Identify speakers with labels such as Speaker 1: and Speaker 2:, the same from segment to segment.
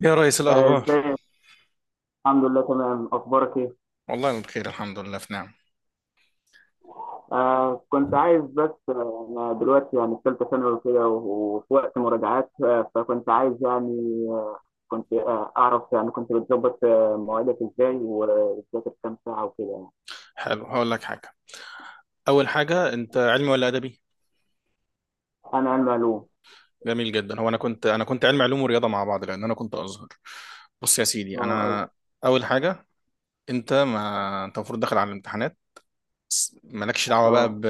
Speaker 1: يا ريس،
Speaker 2: آه،
Speaker 1: الأخبار؟
Speaker 2: ازيك؟ الحمد لله، تمام. اخبارك ايه؟
Speaker 1: والله بخير، الحمد لله، في نعم.
Speaker 2: كنت عايز بس، انا دلوقتي يعني في ثالثه ثانوي وكده، وفي وقت مراجعات، فكنت عايز يعني. آه كنت اعرف، يعني كنت بتظبط، مواعيدك ازاي، وبتذاكر كام ساعه وكده يعني؟
Speaker 1: حلو، هقول لك حاجة. أول حاجة، أنت علمي ولا أدبي؟
Speaker 2: انا علم علوم.
Speaker 1: جميل جدا. هو أنا كنت علمي علوم ورياضة مع بعض، لأن أنا كنت أزهر. بص يا سيدي،
Speaker 2: اه،
Speaker 1: أنا أول حاجة، أنت، ما أنت المفروض داخل على الامتحانات، بس مالكش دعوة
Speaker 2: اه.
Speaker 1: بقى
Speaker 2: آه.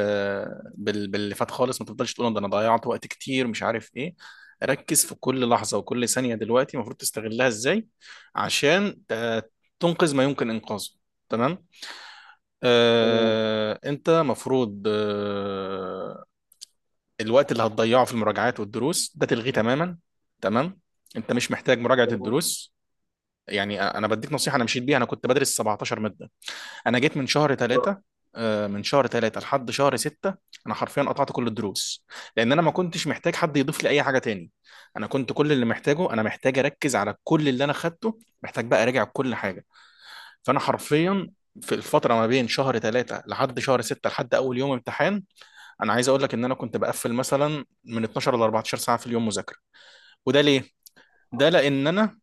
Speaker 1: باللي فات خالص. ما تفضلش تقول ده أنا ضيعت وقت كتير مش عارف إيه. ركز في كل لحظة وكل ثانية دلوقتي المفروض تستغلها إزاي، عشان تنقذ ما يمكن إنقاذه. تمام.
Speaker 2: تمام،
Speaker 1: آه، انت مفروض آه، الوقت اللي هتضيعه في المراجعات والدروس ده تلغيه تماما. تمام، انت مش محتاج مراجعة
Speaker 2: تمام.
Speaker 1: الدروس. يعني انا بديك نصيحة انا مشيت بيها، انا كنت بدرس 17 مادة. انا جيت من شهر
Speaker 2: اه.
Speaker 1: 3، من شهر 3 لحد شهر 6. انا حرفيا قطعت كل الدروس، لان انا ما كنتش محتاج حد يضيف لي اي حاجة تاني. انا كنت كل اللي محتاجه، انا محتاج اركز على كل اللي انا خدته، محتاج بقى اراجع كل حاجة. فانا حرفيا في الفتره ما بين شهر 3 لحد شهر 6 لحد اول يوم امتحان، انا عايز اقول لك ان انا كنت بقفل مثلا من 12 ل 14 ساعه في اليوم مذاكره. وده ليه؟ ده لان انا،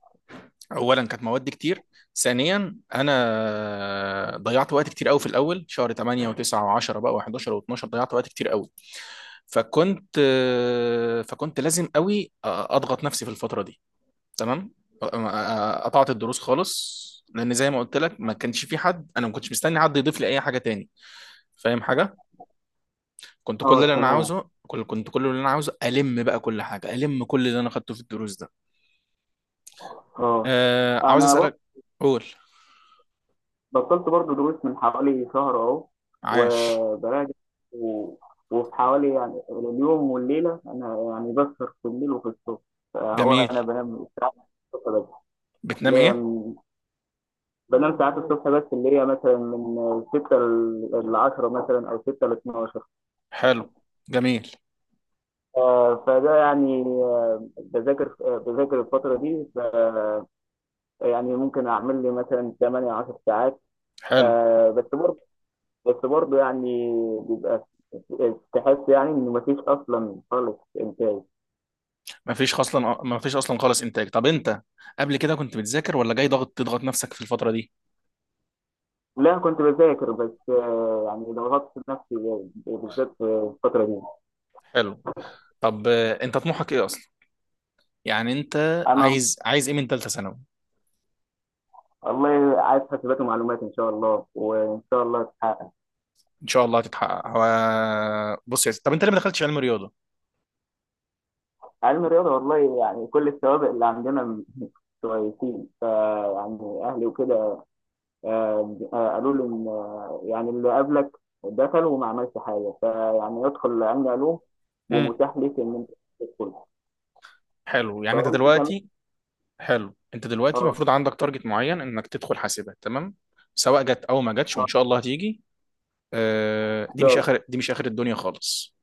Speaker 1: اولا كانت مواد كتير، ثانيا انا ضيعت وقت كتير قوي في الاول شهر 8 و9 و10 بقى و11 و12، ضيعت وقت كتير قوي. فكنت فكنت لازم قوي اضغط نفسي في الفتره دي. تمام. قطعت الدروس خالص، لان زي ما قلت لك ما كانش في حد، انا ما كنتش مستني حد يضيف لي اي حاجه تاني، فاهم حاجه؟
Speaker 2: آه. تمام.
Speaker 1: كنت كل اللي انا عاوزه الم بقى كل حاجه، الم كل اللي انا خدته في الدروس ده.
Speaker 2: اه.
Speaker 1: آه، عاوز
Speaker 2: انا
Speaker 1: اسالك، قول.
Speaker 2: بطلت برضو دروس من حوالي شهر اهو،
Speaker 1: عاش.
Speaker 2: وبراجع. و... وفي حوالي يعني اليوم والليله، انا يعني بسهر في الليل وفي الصبح. فهو
Speaker 1: جميل.
Speaker 2: انا الصبح بس اللي
Speaker 1: بتنام
Speaker 2: هي
Speaker 1: ايه؟
Speaker 2: من- بنام ساعات الصبح بس اللي هي مثلا من 6 ل 10، مثلا او 6 ل 12.
Speaker 1: حلو. جميل.
Speaker 2: فده يعني، بذاكر الفتره دي، يعني ممكن اعمل لي مثلا 8 10 ساعات.
Speaker 1: حلو.
Speaker 2: آه، بس بس برضه، يعني بيبقى تحس يعني إن مفيش أصلا خالص إنتاج.
Speaker 1: ما فيش اصلا خالص انتاج. طب انت قبل كده كنت بتذاكر ولا جاي تضغط نفسك في الفتره دي؟
Speaker 2: لا، كنت بذاكر بس، يعني ضغطت نفسي، بالذات في الفترة دي.
Speaker 1: حلو. طب، انت طموحك ايه اصلا؟ يعني انت
Speaker 2: أنا
Speaker 1: عايز ايه من ثالثه ثانوي؟
Speaker 2: والله عايز حاسبات ومعلومات إن شاء الله، وإن شاء الله تتحقق.
Speaker 1: ان شاء الله هتتحقق. بص يا سيدي، طب انت ليه ما دخلتش علم رياضه؟
Speaker 2: علم الرياضة، والله يعني كل السوابق اللي عندنا كويسين، فيعني أهلي وكده. قالوا لي إن، يعني اللي قبلك دخل وما عملش حاجة، فيعني ادخل علم علوم،
Speaker 1: امم
Speaker 2: ومتاح ليك إن أنت تدخل،
Speaker 1: حلو، يعني انت
Speaker 2: فقلت تمام.
Speaker 1: دلوقتي حلو انت دلوقتي
Speaker 2: آه،
Speaker 1: المفروض عندك تارجت معين انك تدخل حاسبات. تمام، سواء جت او ما جاتش،
Speaker 2: آه،
Speaker 1: وان شاء الله هتيجي.
Speaker 2: طب-
Speaker 1: دي مش اخر الدنيا خالص.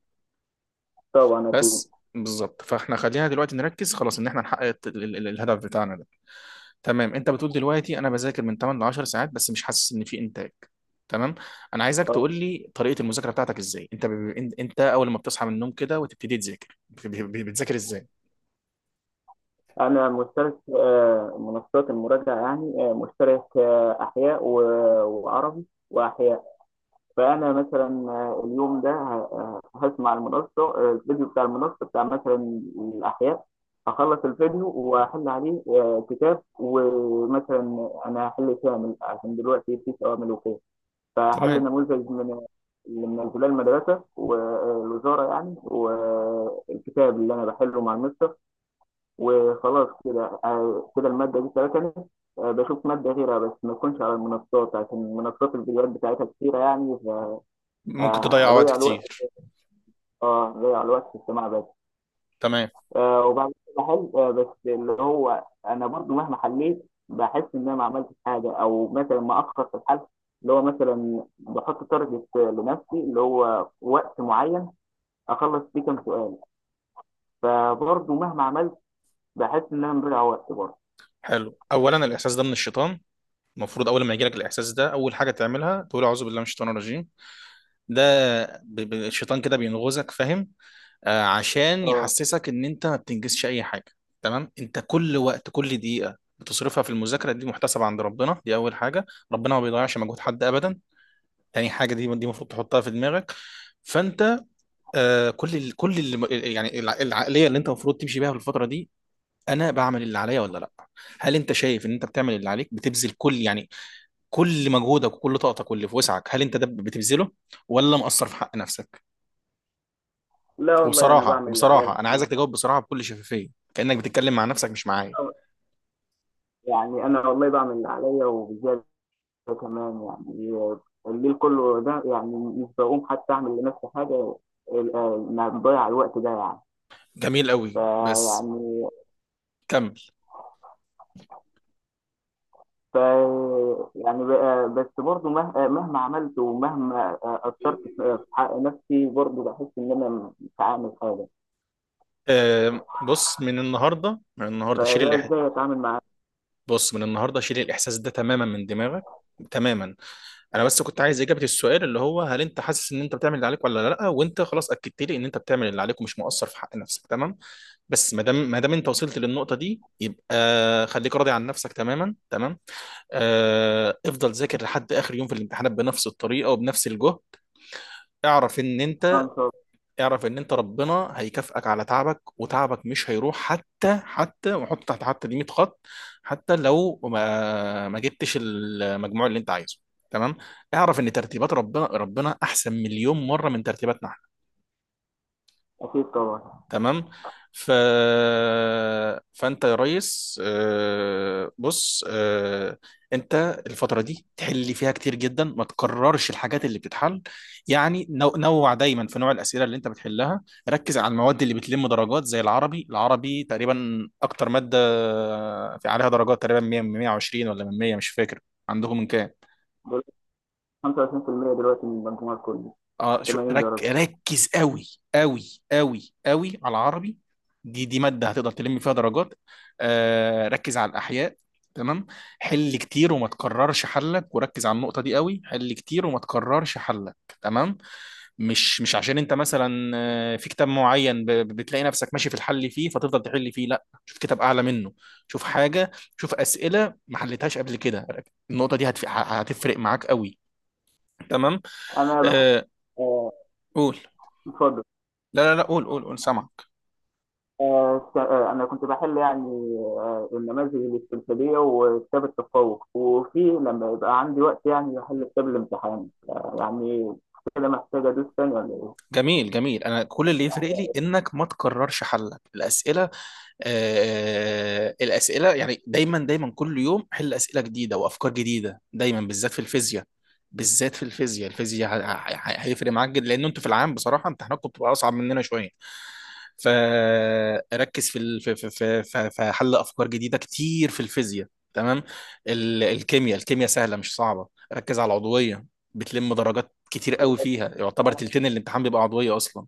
Speaker 2: طبعا أكيد.
Speaker 1: بس بالظبط، فاحنا خلينا دلوقتي نركز خلاص ان احنا نحقق الهدف بتاعنا. تمام. انت بتقول دلوقتي انا بذاكر من 8 ل 10 ساعات بس مش حاسس ان في انتاج. تمام. انا عايزك
Speaker 2: آه،
Speaker 1: تقول لي طريقه المذاكره بتاعتك ازاي. انت انت اول ما بتصحى من النوم كده وتبتدي تذاكر، بتذاكر ازاي؟
Speaker 2: أنا مشترك في، منصات المراجعة، يعني، مشترك، أحياء، وعربي، وأحياء. فأنا مثلا، اليوم ده، هسمع المنصة، الفيديو بتاع المنصة بتاع مثلا الأحياء. هخلص الفيديو وأحل عليه، كتاب. ومثلا أنا هحل كامل عشان دلوقتي في أوامر وكده، فحلوا
Speaker 1: تمام.
Speaker 2: نموذج من انزلاق المدرسه والوزاره، يعني والكتاب اللي انا بحله مع المستر. وخلاص كده، الماده دي فاتني. بشوف ماده غيرها، بس ما تكونش على المنصات، عشان منصات الفيديوهات بتاعتها كتيره يعني،
Speaker 1: ممكن تضيع وقت
Speaker 2: فهضيع الوقت
Speaker 1: كتير.
Speaker 2: اه هضيع الوقت في السماع بس.
Speaker 1: تمام.
Speaker 2: وبعد كده بحل، بس اللي هو انا برضو مهما حليت بحس ان انا ما عملتش حاجه، او مثلا ما اخر في الحل. اللي هو مثلا بحط تارجت لنفسي، اللي هو وقت معين اخلص فيه كام سؤال. فبرضو مهما عملت بحس ان انا مضيع وقت برضو.
Speaker 1: حلو، اولا الاحساس ده من الشيطان. المفروض اول ما يجيلك الاحساس ده، اول حاجه تعملها تقول اعوذ بالله من الشيطان الرجيم. ده الشيطان كده بينغزك، فاهم؟ عشان
Speaker 2: اه،
Speaker 1: يحسسك ان انت ما بتنجزش اي حاجه. تمام. انت كل وقت، كل دقيقه بتصرفها في المذاكره دي محتسبه عند ربنا، دي اول حاجه. ربنا ما بيضيعش مجهود حد ابدا، تاني حاجه. دي المفروض تحطها في دماغك. فانت، آه كل اللي، يعني العقليه اللي انت المفروض تمشي بيها في الفتره دي، انا بعمل اللي عليا ولا لا؟ هل انت شايف ان انت بتعمل اللي عليك؟ بتبذل كل يعني كل مجهودك وكل طاقتك واللي في وسعك، هل انت ده بتبذله، ولا مقصر في حق نفسك؟
Speaker 2: لا والله، انا
Speaker 1: وبصراحه
Speaker 2: بعمل اللي عليا،
Speaker 1: وبصراحه انا
Speaker 2: الحمد
Speaker 1: عايزك تجاوب بصراحه بكل شفافيه، كانك بتتكلم مع نفسك مش معايا.
Speaker 2: لله. يعني انا والله بعمل اللي عليا وبزياده كمان يعني. الليل كله ده، يعني مش بقوم حتى اعمل لنفسي حاجه. انا مضيع الوقت ده يعني.
Speaker 1: جميل قوي، بس
Speaker 2: فيعني،
Speaker 1: كمل.
Speaker 2: ف يعني ب- آه، بس برضه، مهما عملت، ومهما، أثرت في، حق نفسي، برضه بحس إن أنا مش عامل حاجة.
Speaker 1: آه، بص، من النهارده، من النهارده شيل
Speaker 2: فده إزاي أتعامل معاه؟
Speaker 1: بص من النهارده شيل الاحساس ده تماما من دماغك، تماما. انا بس كنت عايز اجابه السؤال اللي هو هل انت حاسس ان انت بتعمل اللي عليك ولا لا، وانت خلاص اكدت لي ان انت بتعمل اللي عليك ومش مقصر في حق نفسك. تمام. بس، ما دام انت وصلت للنقطه دي، يبقى خليك راضي عن نفسك تماما. تمام. آه، افضل ذاكر لحد اخر يوم في الامتحانات بنفس الطريقه وبنفس الجهد. اعرف ان
Speaker 2: آه،
Speaker 1: انت
Speaker 2: إن شاء الله.
Speaker 1: اعرف ان انت ربنا هيكافئك على تعبك، وتعبك مش هيروح، حتى حتى وحط تحت حتى دي 100 خط. حتى لو ما جبتش المجموع اللي انت عايزه، تمام. اعرف ان ترتيبات ربنا احسن مليون مره من ترتيباتنا.
Speaker 2: أكيد طبعا.
Speaker 1: تمام. ف... فانت يا ريس، آه، بص آه، انت الفتره دي تحل فيها كتير جدا، ما تكررش الحاجات اللي بتتحل. يعني نوع، دايما في نوع الاسئله اللي انت بتحلها. ركز على المواد اللي بتلم درجات زي العربي تقريبا اكتر ماده في عليها درجات، تقريبا 100 من 120 ولا من 100، مش فاكر. عندهم من كام؟
Speaker 2: دلوقتي 25%، دلوقتي من المجموع كله
Speaker 1: اه، شو
Speaker 2: 80
Speaker 1: رك
Speaker 2: درجة.
Speaker 1: ركز قوي، قوي قوي قوي على العربي. دي ماده هتقدر تلم فيها درجات. آه، ركز على الاحياء، تمام. حل كتير، وما تكررش حلك، وركز على النقطه دي قوي. حل كتير وما تكررش حلك، تمام. مش عشان انت مثلا، آه، في كتاب معين بتلاقي نفسك ماشي في الحل فيه فتفضل تحل فيه، لا، شوف كتاب اعلى منه. شوف حاجه، شوف اسئله ما حلتهاش قبل كده. النقطه دي هتفرق معاك قوي، تمام.
Speaker 2: أنا بحب،
Speaker 1: آه،
Speaker 2: آه،
Speaker 1: قول.
Speaker 2: اتفضل.
Speaker 1: لا لا لا، قول قول قول، سامعك.
Speaker 2: أنا كنت بحل يعني، النماذج الاستمثالية وكتاب التفوق. وفي لما يبقى عندي وقت يعني، بحل كتاب الامتحان، يعني كده محتاج أدوس تاني، ولا
Speaker 1: جميل جميل. انا كل اللي يفرق لي انك ما تكررش حلك الاسئله. الاسئله يعني دايما دايما، كل يوم حل اسئله جديده وافكار جديده دايما، بالذات في الفيزياء. بالذات في الفيزياء، الفيزياء هيفرق معاك جدا، لان انتوا في العام بصراحه امتحاناتكم بتبقى اصعب مننا شويه. فركز في في حل افكار جديده كتير في الفيزياء، تمام. الكيمياء سهله مش صعبه. ركز على العضويه، بتلم درجات كتير قوي
Speaker 2: إيه؟
Speaker 1: فيها، يعتبر تلتين الامتحان بيبقى عضويه اصلا.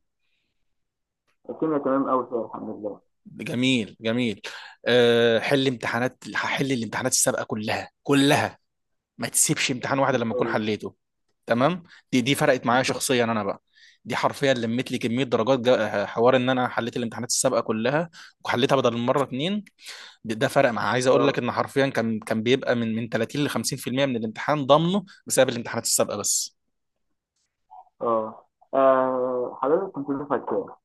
Speaker 2: الكيمياء تمام قوي فيها، الحمد لله.
Speaker 1: جميل جميل. حل امتحانات، هحل الامتحانات السابقه كلها كلها، ما تسيبش امتحان واحد
Speaker 2: ان
Speaker 1: لما
Speaker 2: شاء
Speaker 1: اكون
Speaker 2: الله،
Speaker 1: حليته. تمام. دي فرقت
Speaker 2: ان
Speaker 1: معايا
Speaker 2: شاء الله.
Speaker 1: شخصيا انا بقى. دي حرفيا لمت لي كميه درجات، حوار ان انا حليت الامتحانات السابقه كلها وحليتها بدل المره 2. ده فرق معاه. عايز اقول لك
Speaker 2: اه،
Speaker 1: ان حرفيا كان بيبقى من 30 ل 50% من الامتحان ضامنه بسبب الامتحانات السابقه بس.
Speaker 2: اه. حضرتك كنت دفعة كام؟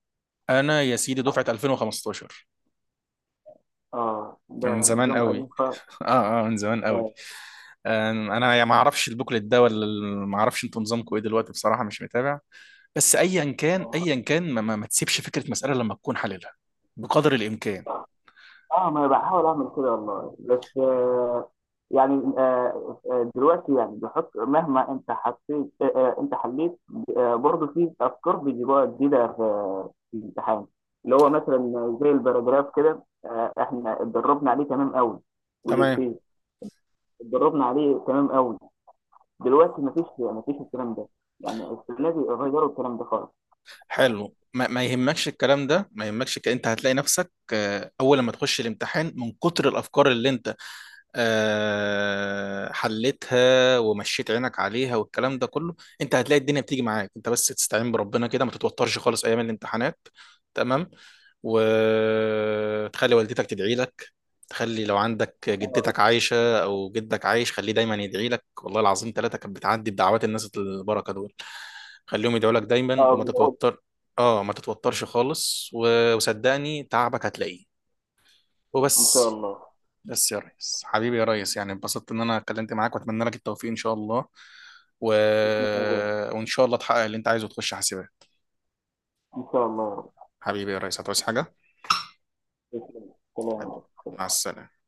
Speaker 1: انا يا سيدي دفعه 2015،
Speaker 2: اه، ده
Speaker 1: من زمان
Speaker 2: نظام قديم
Speaker 1: قوي اه اه، من زمان قوي.
Speaker 2: اه،
Speaker 1: انا يا ما اعرفش البوكلت ده ولا ما اعرفش انتوا نظامكم ايه دلوقتي، بصراحه مش متابع. بس ايا كان
Speaker 2: اه
Speaker 1: ايا كان، ما تسيبش فكره مساله لما تكون حللها، بقدر الامكان.
Speaker 2: ما انا بحاول اعمل كده والله، بس يعني، دلوقتي يعني بحط مهما انت حطيت، انت حليت. برضه في افكار بيجيبوها جديده في الامتحان. اللي هو مثلا زي الباراجراف كده، احنا اتدربنا عليه تمام قوي.
Speaker 1: تمام.
Speaker 2: والإفيه اتدربنا عليه تمام قوي. دلوقتي مفيش الكلام ده. يعني السنه دي غيروا الكلام ده خالص.
Speaker 1: حلو، ما يهمكش الكلام ده، ما يهمكش انت هتلاقي نفسك، آه، اول لما تخش الامتحان من كتر الافكار اللي انت، آه، حلتها ومشيت عينك عليها والكلام ده كله، انت هتلاقي الدنيا بتيجي معاك. انت بس تستعين بربنا كده، ما تتوترش خالص ايام الامتحانات، تمام. وتخلي والدتك تدعي لك. تخلي لو عندك
Speaker 2: اه،
Speaker 1: جدتك عايشة أو جدك عايش، خليه دايما يدعي لك. والله العظيم ثلاثة كانت بتعدي بدعوات الناس البركة دول. خليهم يدعوا لك دايما وما
Speaker 2: بقول
Speaker 1: تتوتر. اه، ما تتوترش خالص، وصدقني تعبك هتلاقيه،
Speaker 2: ان شاء
Speaker 1: وبس.
Speaker 2: الله،
Speaker 1: بس يا ريس حبيبي، يا ريس، يعني انبسطت ان انا اتكلمت معاك، واتمنى لك التوفيق ان شاء الله. و...
Speaker 2: بإذن الله.
Speaker 1: وان شاء الله تحقق اللي انت عايزه وتخش حاسبات.
Speaker 2: ان شاء الله،
Speaker 1: حبيبي يا ريس، هتعوز حاجة؟
Speaker 2: بإذن الله. سلام
Speaker 1: حبيبي.
Speaker 2: عليكم.
Speaker 1: مع السلامة.